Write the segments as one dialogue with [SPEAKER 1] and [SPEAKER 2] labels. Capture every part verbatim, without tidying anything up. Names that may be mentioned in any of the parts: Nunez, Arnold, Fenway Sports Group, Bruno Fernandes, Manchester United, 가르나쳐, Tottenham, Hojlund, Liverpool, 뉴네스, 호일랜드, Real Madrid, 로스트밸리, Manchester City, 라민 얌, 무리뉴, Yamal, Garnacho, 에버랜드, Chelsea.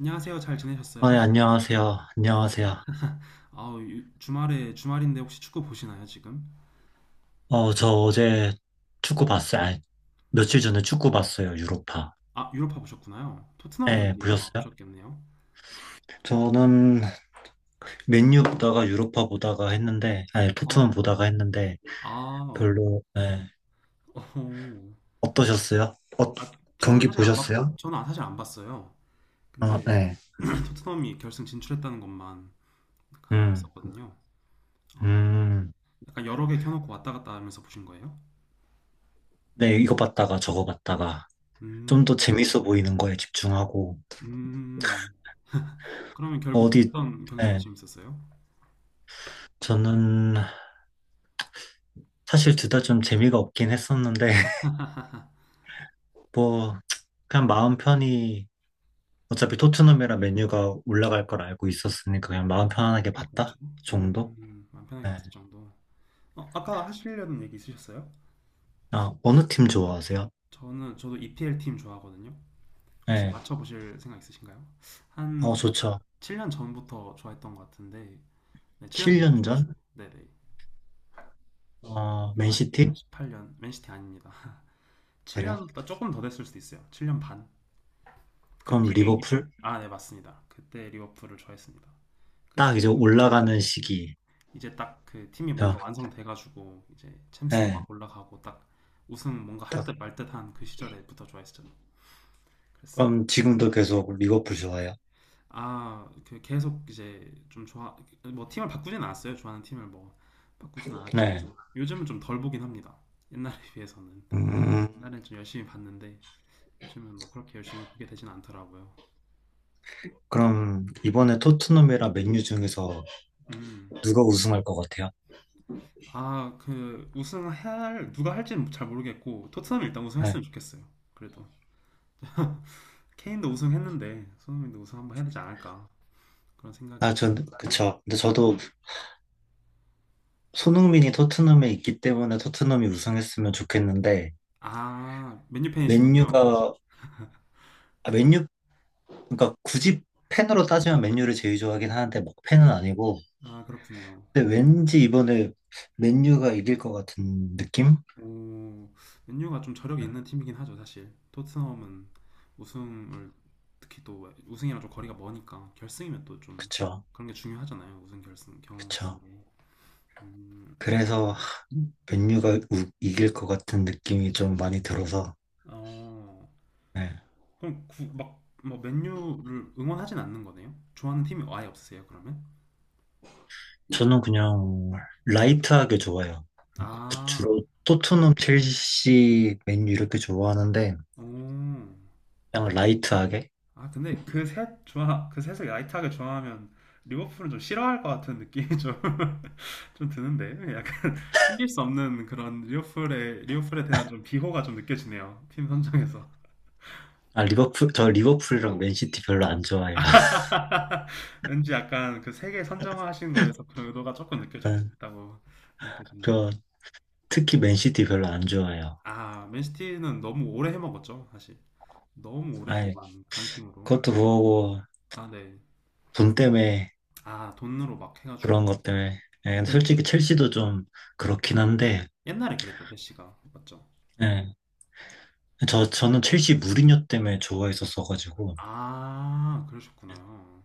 [SPEAKER 1] 안녕하세요. 잘
[SPEAKER 2] 아, 네,
[SPEAKER 1] 지내셨어요?
[SPEAKER 2] 안녕하세요. 안녕하세요.
[SPEAKER 1] 아, 주말에 주말인데 혹시 축구 보시나요, 지금?
[SPEAKER 2] 어, 저 어제 축구 봤어요. 아니, 며칠 전에 축구 봤어요. 유로파.
[SPEAKER 1] 아, 유로파 보셨구나요. 토트넘
[SPEAKER 2] 네,
[SPEAKER 1] 경기 아마
[SPEAKER 2] 보셨어요?
[SPEAKER 1] 보셨겠네요.
[SPEAKER 2] 저는 맨유 보다가 유로파 보다가 했는데, 아니,
[SPEAKER 1] 어,
[SPEAKER 2] 토트넘 보다가 했는데,
[SPEAKER 1] 아, 어,
[SPEAKER 2] 별로, 네.
[SPEAKER 1] 어.
[SPEAKER 2] 어떠셨어요? 어,
[SPEAKER 1] 아, 저는
[SPEAKER 2] 경기
[SPEAKER 1] 사실 안 봤고,
[SPEAKER 2] 보셨어요?
[SPEAKER 1] 저는 아, 사실 안 봤어요.
[SPEAKER 2] 어,
[SPEAKER 1] 근데
[SPEAKER 2] 네.
[SPEAKER 1] 토트넘이 결승 진출했다는 것만 알고
[SPEAKER 2] 음,
[SPEAKER 1] 있었거든요. 아,
[SPEAKER 2] 음.
[SPEAKER 1] 약간 여러 개 켜놓고 왔다 갔다 하면서 보신 거예요?
[SPEAKER 2] 네, 이거 봤다가 저거 봤다가, 좀
[SPEAKER 1] 음,
[SPEAKER 2] 더 재밌어 보이는 거에 집중하고,
[SPEAKER 1] 음. 그러면 결국
[SPEAKER 2] 어디,
[SPEAKER 1] 어떤 경기가 더
[SPEAKER 2] 네.
[SPEAKER 1] 재밌었어요?
[SPEAKER 2] 저는 사실 둘 다 좀 재미가 없긴 했었는데, 뭐 그냥 마음 편히 어차피 토트넘이랑 맨유가 올라갈 걸 알고 있었으니까 그냥 마음 편안하게
[SPEAKER 1] 어,
[SPEAKER 2] 봤다
[SPEAKER 1] 그렇죠.
[SPEAKER 2] 정도?
[SPEAKER 1] 음, 마음 편하게
[SPEAKER 2] 네.
[SPEAKER 1] 봤을 정도. 어, 아까 하시려는 얘기 있으셨어요?
[SPEAKER 2] 아, 어느 팀 좋아하세요?
[SPEAKER 1] 저는 저도 이피엘 팀 좋아하거든요. 혹시
[SPEAKER 2] 네.
[SPEAKER 1] 맞춰보실 생각 있으신가요?
[SPEAKER 2] 어,
[SPEAKER 1] 한
[SPEAKER 2] 좋죠.
[SPEAKER 1] 칠 년 전부터 좋아했던 것 같은데, 네, 칠 년 전부터
[SPEAKER 2] 칠 년
[SPEAKER 1] 좋아했어요.
[SPEAKER 2] 전?
[SPEAKER 1] 네네.
[SPEAKER 2] 어,
[SPEAKER 1] 그럼 한
[SPEAKER 2] 맨시티?
[SPEAKER 1] 이천십팔 년, 맨시티 아닙니다.
[SPEAKER 2] 그래요?
[SPEAKER 1] 칠 년보다 조금 더 됐을 수도 있어요. 칠 년 반. 그
[SPEAKER 2] 그럼
[SPEAKER 1] 팀이 이때,
[SPEAKER 2] 리버풀?
[SPEAKER 1] 아, 네, 맞습니다. 그때 리버풀을 좋아했습니다. 그
[SPEAKER 2] 딱 이제
[SPEAKER 1] 시절에
[SPEAKER 2] 올라가는 시기.
[SPEAKER 1] 이제 딱 그 팀이
[SPEAKER 2] 죠
[SPEAKER 1] 뭔가 완성돼가지고, 이제 챔스도
[SPEAKER 2] 네.
[SPEAKER 1] 막 올라가고, 딱 우승 뭔가 할
[SPEAKER 2] 딱.
[SPEAKER 1] 듯 말 듯한 그 시절에부터 좋아했죠. 그랬습니다.
[SPEAKER 2] 그럼 지금도 계속 리버풀 좋아해요?
[SPEAKER 1] 아, 그 계속 이제 좀 좋아, 뭐 팀을 바꾸진 않았어요. 좋아하는 팀을 뭐 바꾸진 않았지만
[SPEAKER 2] 네.
[SPEAKER 1] 요즘은 좀 덜 보긴 합니다. 옛날에 비해서는.
[SPEAKER 2] 음,
[SPEAKER 1] 옛날엔 좀 열심히 봤는데 요즘은 뭐 그렇게 열심히 보게 되진 않더라고요.
[SPEAKER 2] 그럼 이번에 토트넘이랑 맨유 중에서
[SPEAKER 1] 음,
[SPEAKER 2] 누가 우승할 것 같아요?
[SPEAKER 1] 아, 그 우승할 누가 할지는 잘 모르겠고 토트넘이 일단
[SPEAKER 2] 네.
[SPEAKER 1] 우승했으면 좋겠어요. 그래도 케인도 우승했는데 손흥민도 우승 한번 해야 되지 않을까 그런
[SPEAKER 2] 아,
[SPEAKER 1] 생각이.
[SPEAKER 2] 전, 그쵸. 근데 저도 손흥민이 토트넘에 있기 때문에 토트넘이 우승했으면 좋겠는데
[SPEAKER 1] 아, 맨유 팬이시군요.
[SPEAKER 2] 맨유가 아, 맨유 그러니까 굳이 팬으로 따지면 맨유를 제일 좋아하긴 하는데 막 팬은 아니고
[SPEAKER 1] 아, 그렇군요.
[SPEAKER 2] 근데 왠지 이번에 맨유가 이길 것 같은 느낌?
[SPEAKER 1] 오, 맨유가 좀 저력이 있는 팀이긴 하죠, 사실. 토트넘은 우승을 특히 또 우승이랑 좀 거리가 머니까 결승이면 또 좀
[SPEAKER 2] 그쵸,
[SPEAKER 1] 그런 게 중요하잖아요. 우승 결승 경험 같은
[SPEAKER 2] 그쵸.
[SPEAKER 1] 게. 음,
[SPEAKER 2] 그래서 하, 맨유가 우- 이길 것 같은 느낌이 좀 많이 들어서
[SPEAKER 1] 어,
[SPEAKER 2] 네.
[SPEAKER 1] 그럼 구, 막, 뭐 맨유를 응원하진 않는 거네요? 좋아하는 팀이 아예 없으세요, 그러면?
[SPEAKER 2] 저는 그냥 라이트하게 좋아요.
[SPEAKER 1] 아,
[SPEAKER 2] 주로 토트넘 첼시 맨유 이렇게 좋아하는데
[SPEAKER 1] 오.
[SPEAKER 2] 그냥 라이트하게.
[SPEAKER 1] 아, 근데 그 셋 좋아, 그 셋을 라이트하게 좋아하면 리버풀은 좀 싫어할 것 같은 느낌이 좀, 좀 드는데, 숨길 수 없는 그런 리오플에, 리오플에 대한 좀 비호가 좀 느껴지네요. 팀 선정에서.
[SPEAKER 2] 아, 리버풀, 저 리버풀이랑 맨시티 별로 안 좋아해요.
[SPEAKER 1] 왠지 약간 그 세계 선정하신 거에서 그런 의도가 조금
[SPEAKER 2] 네,
[SPEAKER 1] 느껴졌다고 느껴집니다.
[SPEAKER 2] 저 특히 맨시티 별로 안 좋아해요.
[SPEAKER 1] 아, 맨시티는 너무 오래 해먹었죠, 사실. 너무
[SPEAKER 2] 아이,
[SPEAKER 1] 오랫동안 강팀으로.
[SPEAKER 2] 그것도 그거고,
[SPEAKER 1] 아, 네.
[SPEAKER 2] 돈 때문에,
[SPEAKER 1] 아, 돈으로 막 해가지고.
[SPEAKER 2] 그런 것 때문에. 예, 근데 솔직히
[SPEAKER 1] 에프에프피도.
[SPEAKER 2] 첼시도 좀 그렇긴 한데,
[SPEAKER 1] 옛날에 그랬죠, 제시가. 맞죠?
[SPEAKER 2] 예, 저, 저는 첼시 무리뉴 때문에 좋아했었어가지고,
[SPEAKER 1] 아, 그러셨구나요.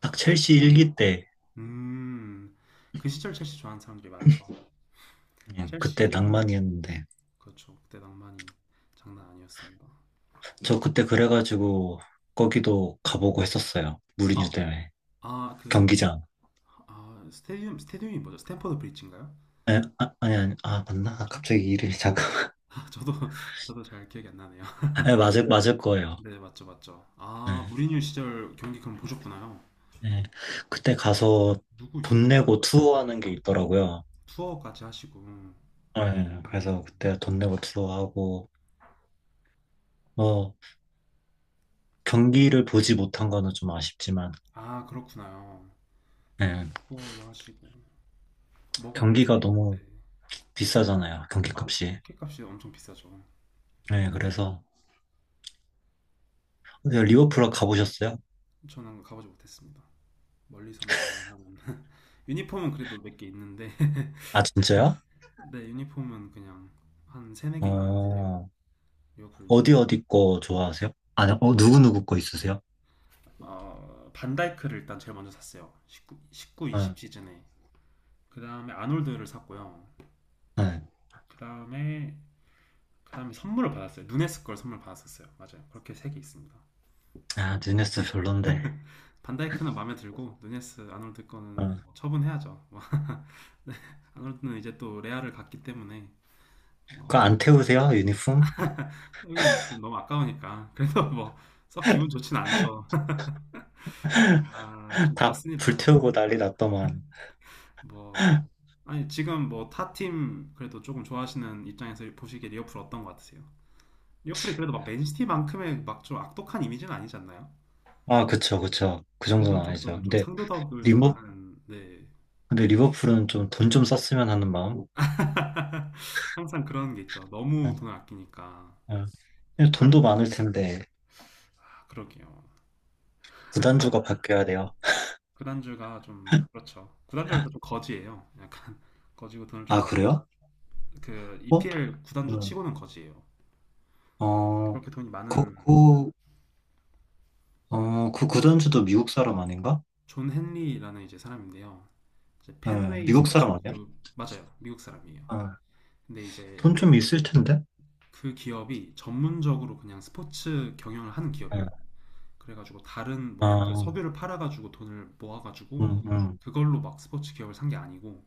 [SPEAKER 2] 딱 첼시 일기 때,
[SPEAKER 1] 음, 그 시절 첼시 좋아하는 사람들이 많죠.
[SPEAKER 2] 예, 그때
[SPEAKER 1] 첼시
[SPEAKER 2] 낭만이었는데,
[SPEAKER 1] 그렇죠. 그때 낭만이 장난 아니었습니다.
[SPEAKER 2] 저 그때 그래가지고, 거기도 가보고 했었어요. 무리뉴
[SPEAKER 1] 아,
[SPEAKER 2] 때문에.
[SPEAKER 1] 아, 그,
[SPEAKER 2] 경기장.
[SPEAKER 1] 아, 스테디움, 스테디움이 뭐죠? 스탠퍼드 브리지인가요?
[SPEAKER 2] 예, 아, 아니, 아니, 아,
[SPEAKER 1] 아,
[SPEAKER 2] 맞나?
[SPEAKER 1] 뭐죠?
[SPEAKER 2] 갑자기 이름이 잠깐만.
[SPEAKER 1] 저도, 저도 잘 기억이 안 나네요.
[SPEAKER 2] 예, 맞을, 맞을 거예요.
[SPEAKER 1] 네, 맞죠, 맞죠.
[SPEAKER 2] 네.
[SPEAKER 1] 아, 무리뉴 시절 경기 그럼 보셨구나요?
[SPEAKER 2] 네. 그때 가서
[SPEAKER 1] 누구
[SPEAKER 2] 돈
[SPEAKER 1] 있었죠?
[SPEAKER 2] 내고 투어하는 게 있더라고요.
[SPEAKER 1] 투어까지 하시고.
[SPEAKER 2] 네. 그래서
[SPEAKER 1] 음,
[SPEAKER 2] 그때 돈 내고 투어하고, 뭐, 경기를 보지 못한 거는 좀 아쉽지만,
[SPEAKER 1] 아, 그렇구나요.
[SPEAKER 2] 네.
[SPEAKER 1] 투어도 하시고. 뭐가, 인상.
[SPEAKER 2] 경기가
[SPEAKER 1] 네.
[SPEAKER 2] 너무 비싸잖아요.
[SPEAKER 1] 아,
[SPEAKER 2] 경기값이.
[SPEAKER 1] 티켓값이 엄청 비싸죠.
[SPEAKER 2] 네. 그래서, 근데 리버풀 가보셨어요?
[SPEAKER 1] 저는 가보지 못했습니다. 멀리서만 응원하는. 유니폼은 그래도 몇 개 있는데.
[SPEAKER 2] 아, 진짜요?
[SPEAKER 1] 네, 유니폼은 그냥 한 세네 개 있는 것 같아요.
[SPEAKER 2] 어,
[SPEAKER 1] 리버풀 유니폼.
[SPEAKER 2] 어디 어디 거 좋아하세요? 아니, 어, 누구누구 거 있으세요?
[SPEAKER 1] 어, 반다이크를 일단 제일 먼저 샀어요. 일구, 일구,
[SPEAKER 2] 응,
[SPEAKER 1] 이십 시즌에. 그 다음에 아놀드를 샀고요.
[SPEAKER 2] 응.
[SPEAKER 1] 그 다음에, 그 다음에 선물을 받았어요. 누네스 걸 선물 받았었어요. 맞아요. 그렇게 세 개 있습니다.
[SPEAKER 2] 아, 뉴네스 별론데.
[SPEAKER 1] 반다이크는 마음에 들고, 누네스, 아놀드 거는
[SPEAKER 2] 응.
[SPEAKER 1] 뭐 처분해야죠. 뭐 네, 아놀드는 이제 또 레알을 갔기 때문에,
[SPEAKER 2] 그거
[SPEAKER 1] 뭐,
[SPEAKER 2] 안 태우세요? 유니폼?
[SPEAKER 1] 여기는 좀 너무 아까우니까. 그래서 뭐, 썩 기분 좋진 않죠. 아, 좀
[SPEAKER 2] 다
[SPEAKER 1] 그렇습니다.
[SPEAKER 2] 불태우고 난리 났더만.
[SPEAKER 1] 뭐 아니 지금 뭐 타팀 그래도 조금 좋아하시는 입장에서 보시기에 리버풀 어떤 것 같으세요? 리버풀이 그래도 막 맨시티만큼의 막 좀 악독한 이미지는 아니지 않나요?
[SPEAKER 2] 아, 그쵸, 그쵸. 그
[SPEAKER 1] 그래도
[SPEAKER 2] 정도는 아니죠.
[SPEAKER 1] 조금 좀
[SPEAKER 2] 근데
[SPEAKER 1] 상도덕을 좀
[SPEAKER 2] 리버,
[SPEAKER 1] 아는 네
[SPEAKER 2] 근데 리버풀은 좀 돈 좀 썼으면 하는 마음.
[SPEAKER 1] 항상 그런 게 있죠. 너무
[SPEAKER 2] 아,
[SPEAKER 1] 돈을 아끼니까
[SPEAKER 2] 아. 근데 돈도
[SPEAKER 1] 다른
[SPEAKER 2] 많을 텐데
[SPEAKER 1] 아, 그러게요.
[SPEAKER 2] 구단주가 바뀌어야 돼요.
[SPEAKER 1] 구단주가 좀 그렇죠. 구단주라서 좀 거지예요. 약간 거지고 돈을
[SPEAKER 2] 아, 그래요?
[SPEAKER 1] 좀안그
[SPEAKER 2] 어?
[SPEAKER 1] 이피엘 구단주
[SPEAKER 2] 음.
[SPEAKER 1] 치고는 거지예요.
[SPEAKER 2] 어,
[SPEAKER 1] 그렇게 돈이
[SPEAKER 2] 그,
[SPEAKER 1] 많은
[SPEAKER 2] 그, 어, 그 구단주도 미국 사람 아닌가?
[SPEAKER 1] 존 헨리라는 이제 사람인데요. 이제
[SPEAKER 2] 예,
[SPEAKER 1] 펜웨이
[SPEAKER 2] 미국 사람
[SPEAKER 1] 스포츠
[SPEAKER 2] 아니야?
[SPEAKER 1] 그룹 맞아요. 미국 사람이에요.
[SPEAKER 2] 아,
[SPEAKER 1] 근데 이제
[SPEAKER 2] 돈좀 있을 텐데?
[SPEAKER 1] 그 기업이 전문적으로 그냥 스포츠 경영을 하는
[SPEAKER 2] 예.
[SPEAKER 1] 기업이에요. 그래가지고 다른 뭐 예를 들어
[SPEAKER 2] 아,
[SPEAKER 1] 석유를 팔아가지고 돈을 모아가지고
[SPEAKER 2] 음, 음.
[SPEAKER 1] 그걸로 막 스포츠 기업을 산 게 아니고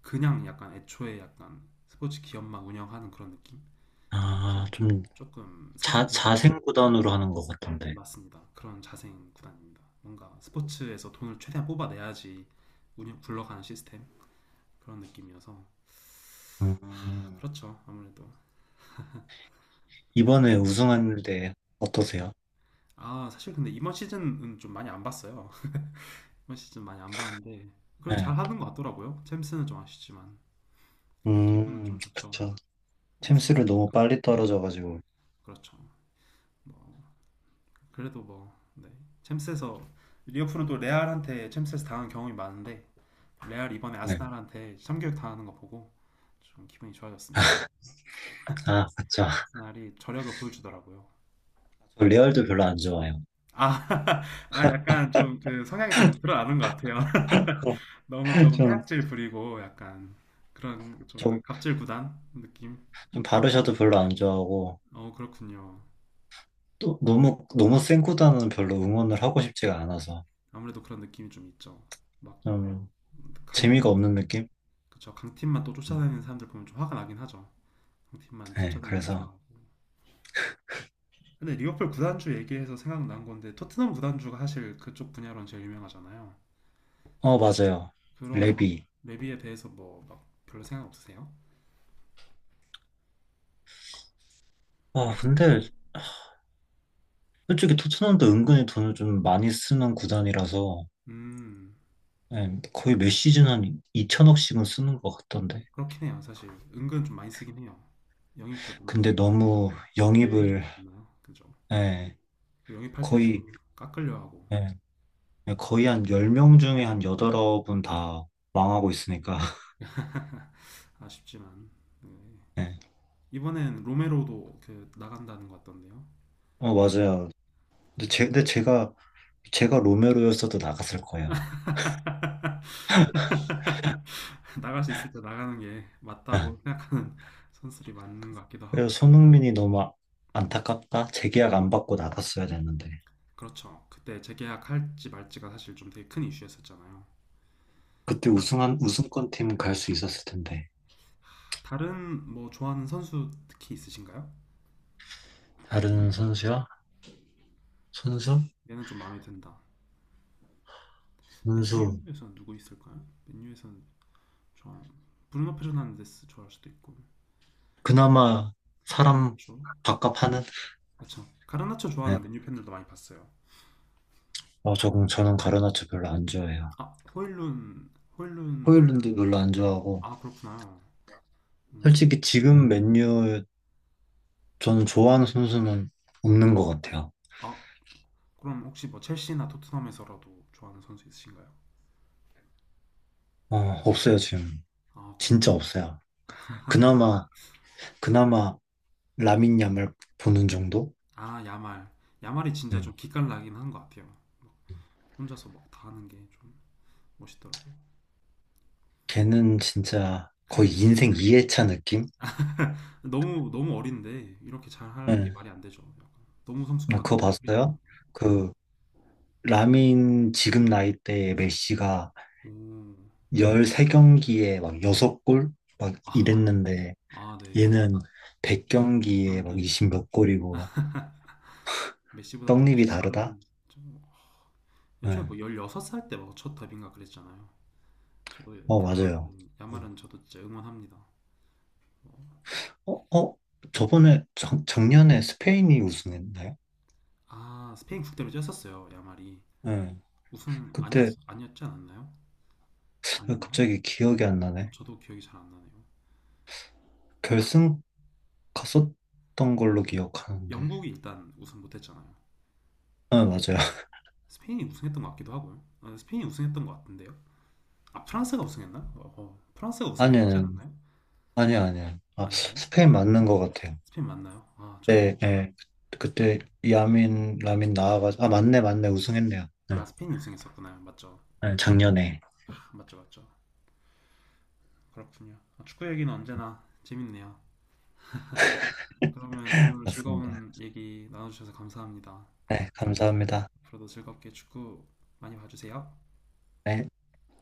[SPEAKER 1] 그냥 약간 애초에 약간 스포츠 기업만 운영하는 그런 느낌? 그래서
[SPEAKER 2] 아, 좀
[SPEAKER 1] 조금 살짝
[SPEAKER 2] 자,
[SPEAKER 1] 좀
[SPEAKER 2] 자생 구단으로 하는 것 같던데.
[SPEAKER 1] 맞습니다. 그런 자생 구단입니다. 뭔가 스포츠에서 돈을 최대한 뽑아내야지 운영 굴러가는 시스템 그런 느낌이어서 아,
[SPEAKER 2] 음,
[SPEAKER 1] 그렇죠. 아무래도.
[SPEAKER 2] 이번에
[SPEAKER 1] 근데 뭐, 네.
[SPEAKER 2] 우승하는데 어떠세요?
[SPEAKER 1] 아, 사실 근데 이번 시즌은 좀 많이 안 봤어요. 이번 시즌 많이 안 봤는데 그래도
[SPEAKER 2] 네.
[SPEAKER 1] 잘 하는 것 같더라고요. 챔스는 좀 아쉽지만 기분은
[SPEAKER 2] 음,
[SPEAKER 1] 좀 좋죠.
[SPEAKER 2] 그쵸. 챔스를 너무
[SPEAKER 1] 우승했으니까
[SPEAKER 2] 빨리 떨어져가지고.
[SPEAKER 1] 그렇죠. 뭐 그래도 뭐 네. 챔스에서 리버풀은 또 레알한테 챔스에서 당한 경험이 많은데 레알 이번에
[SPEAKER 2] 네.
[SPEAKER 1] 아스날한테 참교육 당하는 거 보고 좀 기분이 좋아졌습니다.
[SPEAKER 2] 아, 맞죠.
[SPEAKER 1] 아스날이 저력을 보여주더라고요.
[SPEAKER 2] 저 레알도 별로 안 좋아해요.
[SPEAKER 1] 아, 아 약간 좀 그 성향이 좀 드러나는 것 같아요. 너무 조금
[SPEAKER 2] 좀,
[SPEAKER 1] 폐악질 부리고 약간 그런 좀
[SPEAKER 2] 좀,
[SPEAKER 1] 갑질 구단 느낌?
[SPEAKER 2] 좀 바르샤도 별로 안 좋아하고
[SPEAKER 1] 어, 그렇군요.
[SPEAKER 2] 또 너무 너무 센 구단은 별로 응원을 하고 싶지가 않아서
[SPEAKER 1] 아무래도 그런 느낌이 좀 있죠. 막
[SPEAKER 2] 좀 재미가
[SPEAKER 1] 강팀,
[SPEAKER 2] 없는 느낌?
[SPEAKER 1] 그쵸. 강팀만 또 쫓아다니는 사람들 보면 좀 화가 나긴 하죠. 강팀만
[SPEAKER 2] 네,
[SPEAKER 1] 쫓아다니면서
[SPEAKER 2] 그래서.
[SPEAKER 1] 좋아하고. 근데 리버풀 구단주 얘기해서 생각난 건데 토트넘 구단주가 사실 그쪽 분야로는 제일 유명하잖아요.
[SPEAKER 2] 어, 맞아요.
[SPEAKER 1] 그런 막
[SPEAKER 2] 레비.
[SPEAKER 1] 레비에 대해서 뭐 막 별로 생각 없으세요?
[SPEAKER 2] 아, 근데 솔직히 토트넘도 은근히 돈을 좀 많이 쓰는 구단이라서
[SPEAKER 1] 음,
[SPEAKER 2] 네, 거의 몇 시즌 한 이천억씩은 쓰는 것 같던데.
[SPEAKER 1] 그렇긴 해요. 사실 은근 좀 많이 쓰긴 해요. 영입도 좀
[SPEAKER 2] 근데 너무
[SPEAKER 1] 회율이 좀
[SPEAKER 2] 영입을
[SPEAKER 1] 낮나요? 그죠?
[SPEAKER 2] 네,
[SPEAKER 1] 그 영입할 때 좀
[SPEAKER 2] 거의
[SPEAKER 1] 깎으려 하고
[SPEAKER 2] 네. 네, 거의 한 열 명 중에 한 여덟 분 다 망하고 있으니까.
[SPEAKER 1] 아쉽지만 네.
[SPEAKER 2] 네.
[SPEAKER 1] 이번엔 로메로도 그 나간다는 것 같던데요.
[SPEAKER 2] 어, 맞아요. 근데,
[SPEAKER 1] 그죠?
[SPEAKER 2] 제, 근데 제가, 제가 로메로였어도 나갔을 거예요.
[SPEAKER 1] 나갈 수 있을 때 나가는 게
[SPEAKER 2] 네.
[SPEAKER 1] 맞다고 생각하는 선수들이 맞는 것 같기도
[SPEAKER 2] 그래서
[SPEAKER 1] 하고요.
[SPEAKER 2] 손흥민이 너무 아- 안타깝다. 재계약 안 받고 나갔어야 됐는데.
[SPEAKER 1] 그렇죠. 그때 재계약할지 말지가 사실 좀 되게 큰 이슈였었잖아요.
[SPEAKER 2] 그때
[SPEAKER 1] 다,
[SPEAKER 2] 우승한,
[SPEAKER 1] 네.
[SPEAKER 2] 우승권 팀 갈 수 있었을 텐데.
[SPEAKER 1] 다른 뭐 좋아하는 선수 특히 있으신가요?
[SPEAKER 2] 다른 선수야? 선수?
[SPEAKER 1] 얘는 좀 마음에 든다.
[SPEAKER 2] 선수.
[SPEAKER 1] 맨유에서는 누구 있을까요? 맨유에서는 좋아하는 브루노 페르난데스 좋아할 수도 있고
[SPEAKER 2] 그나마 사람
[SPEAKER 1] 가르나초
[SPEAKER 2] 밥값하는?
[SPEAKER 1] 그렇죠. 가르나초
[SPEAKER 2] 네.
[SPEAKER 1] 좋아하는 맨유 팬들도 많이 봤어요.
[SPEAKER 2] 어, 저, 저는 가르나쳐 별로 안 좋아해요.
[SPEAKER 1] 아, 호일룬, 호일룬도,
[SPEAKER 2] 호일랜드 별로 안 좋아하고.
[SPEAKER 1] 아, 그렇구나. 음,
[SPEAKER 2] 솔직히 지금 맨유 저는 좋아하는 선수는 없는 것 같아요.
[SPEAKER 1] 아, 그럼 혹시 뭐 첼시나 토트넘에서라도 좋아하는 선수 있으신가요?
[SPEAKER 2] 어, 없어요, 지금.
[SPEAKER 1] 아, 그렇,
[SPEAKER 2] 진짜 없어요. 그나마, 그나마 라민 얌을 보는 정도?
[SPEAKER 1] 아, 야말. 야말이
[SPEAKER 2] 네.
[SPEAKER 1] 진짜 좀 기깔나긴 한 것 같아요. 혼자서 막 다 하는 게 좀 멋있더라고요.
[SPEAKER 2] 걔는 진짜 거의
[SPEAKER 1] 그게
[SPEAKER 2] 인생 이 회차 느낌?
[SPEAKER 1] 너무, 너무 어린데, 이렇게 잘 하는 게
[SPEAKER 2] 네.
[SPEAKER 1] 말이 안 되죠. 약간. 너무
[SPEAKER 2] 아,
[SPEAKER 1] 성숙하게,
[SPEAKER 2] 그거
[SPEAKER 1] 프리한.
[SPEAKER 2] 봤어요? 그, 라민 지금 나이대에 메시가
[SPEAKER 1] 오,
[SPEAKER 2] 십삼 경기에 막 여섯 골? 막
[SPEAKER 1] 아,
[SPEAKER 2] 이랬는데,
[SPEAKER 1] 아, 네.
[SPEAKER 2] 얘는 백 경기에 막
[SPEAKER 1] 경기에
[SPEAKER 2] 20
[SPEAKER 1] 뭐
[SPEAKER 2] 몇 골이고,
[SPEAKER 1] 메시보다도
[SPEAKER 2] 떡잎이
[SPEAKER 1] 훨씬
[SPEAKER 2] 다르다?
[SPEAKER 1] 빠른, 좀- 애초에
[SPEAKER 2] 네.
[SPEAKER 1] 뭐 열여섯 살 때 막 첫 데뷔인가 그랬잖아요. 저도
[SPEAKER 2] 어, 맞아요.
[SPEAKER 1] 야말은
[SPEAKER 2] 음.
[SPEAKER 1] 야말은 저도 진짜 응원합니다. 어,
[SPEAKER 2] 어, 어, 저번에, 작, 작년에 스페인이 우승했나요?
[SPEAKER 1] 아 스페인 국대로 뛰었었어요 야말이
[SPEAKER 2] 예.
[SPEAKER 1] 우승 아니었
[SPEAKER 2] 그때
[SPEAKER 1] 아니었지 않았나요? 아니었나?
[SPEAKER 2] 갑자기 기억이 안
[SPEAKER 1] 어,
[SPEAKER 2] 나네.
[SPEAKER 1] 저도 기억이 잘 안 나네요.
[SPEAKER 2] 결승 갔었던 걸로 기억하는데.
[SPEAKER 1] 영국이 일단 우승 못했잖아요.
[SPEAKER 2] 아, 맞아요.
[SPEAKER 1] 스페인이 우승했던 것 같기도 하고요. 어, 스페인이 우승했던 것 같은데요. 아 프랑스가 우승했나? 어, 어, 프랑스가 우승했지
[SPEAKER 2] 아니요,
[SPEAKER 1] 않았나요?
[SPEAKER 2] 아니요, 아니요. 아,
[SPEAKER 1] 아닌가요?
[SPEAKER 2] 스페인 맞는 것 같아요.
[SPEAKER 1] 스페인 맞나요? 아 저도
[SPEAKER 2] 네, 예. 그때 야민, 라민 나와가지고, 아, 맞네, 맞네, 우승했네요. 네,
[SPEAKER 1] 아 스페인이 우승했었구나요. 맞죠?
[SPEAKER 2] 네, 작년에.
[SPEAKER 1] 아, 맞죠 맞죠. 그렇군요. 아, 축구 얘기는 언제나 재밌네요. 그러면 오늘
[SPEAKER 2] 맞습니다.
[SPEAKER 1] 즐거운 얘기 나눠주셔서 감사합니다.
[SPEAKER 2] 네, 감사합니다.
[SPEAKER 1] 앞으로도 즐겁게 축구 많이 봐주세요.
[SPEAKER 2] 네.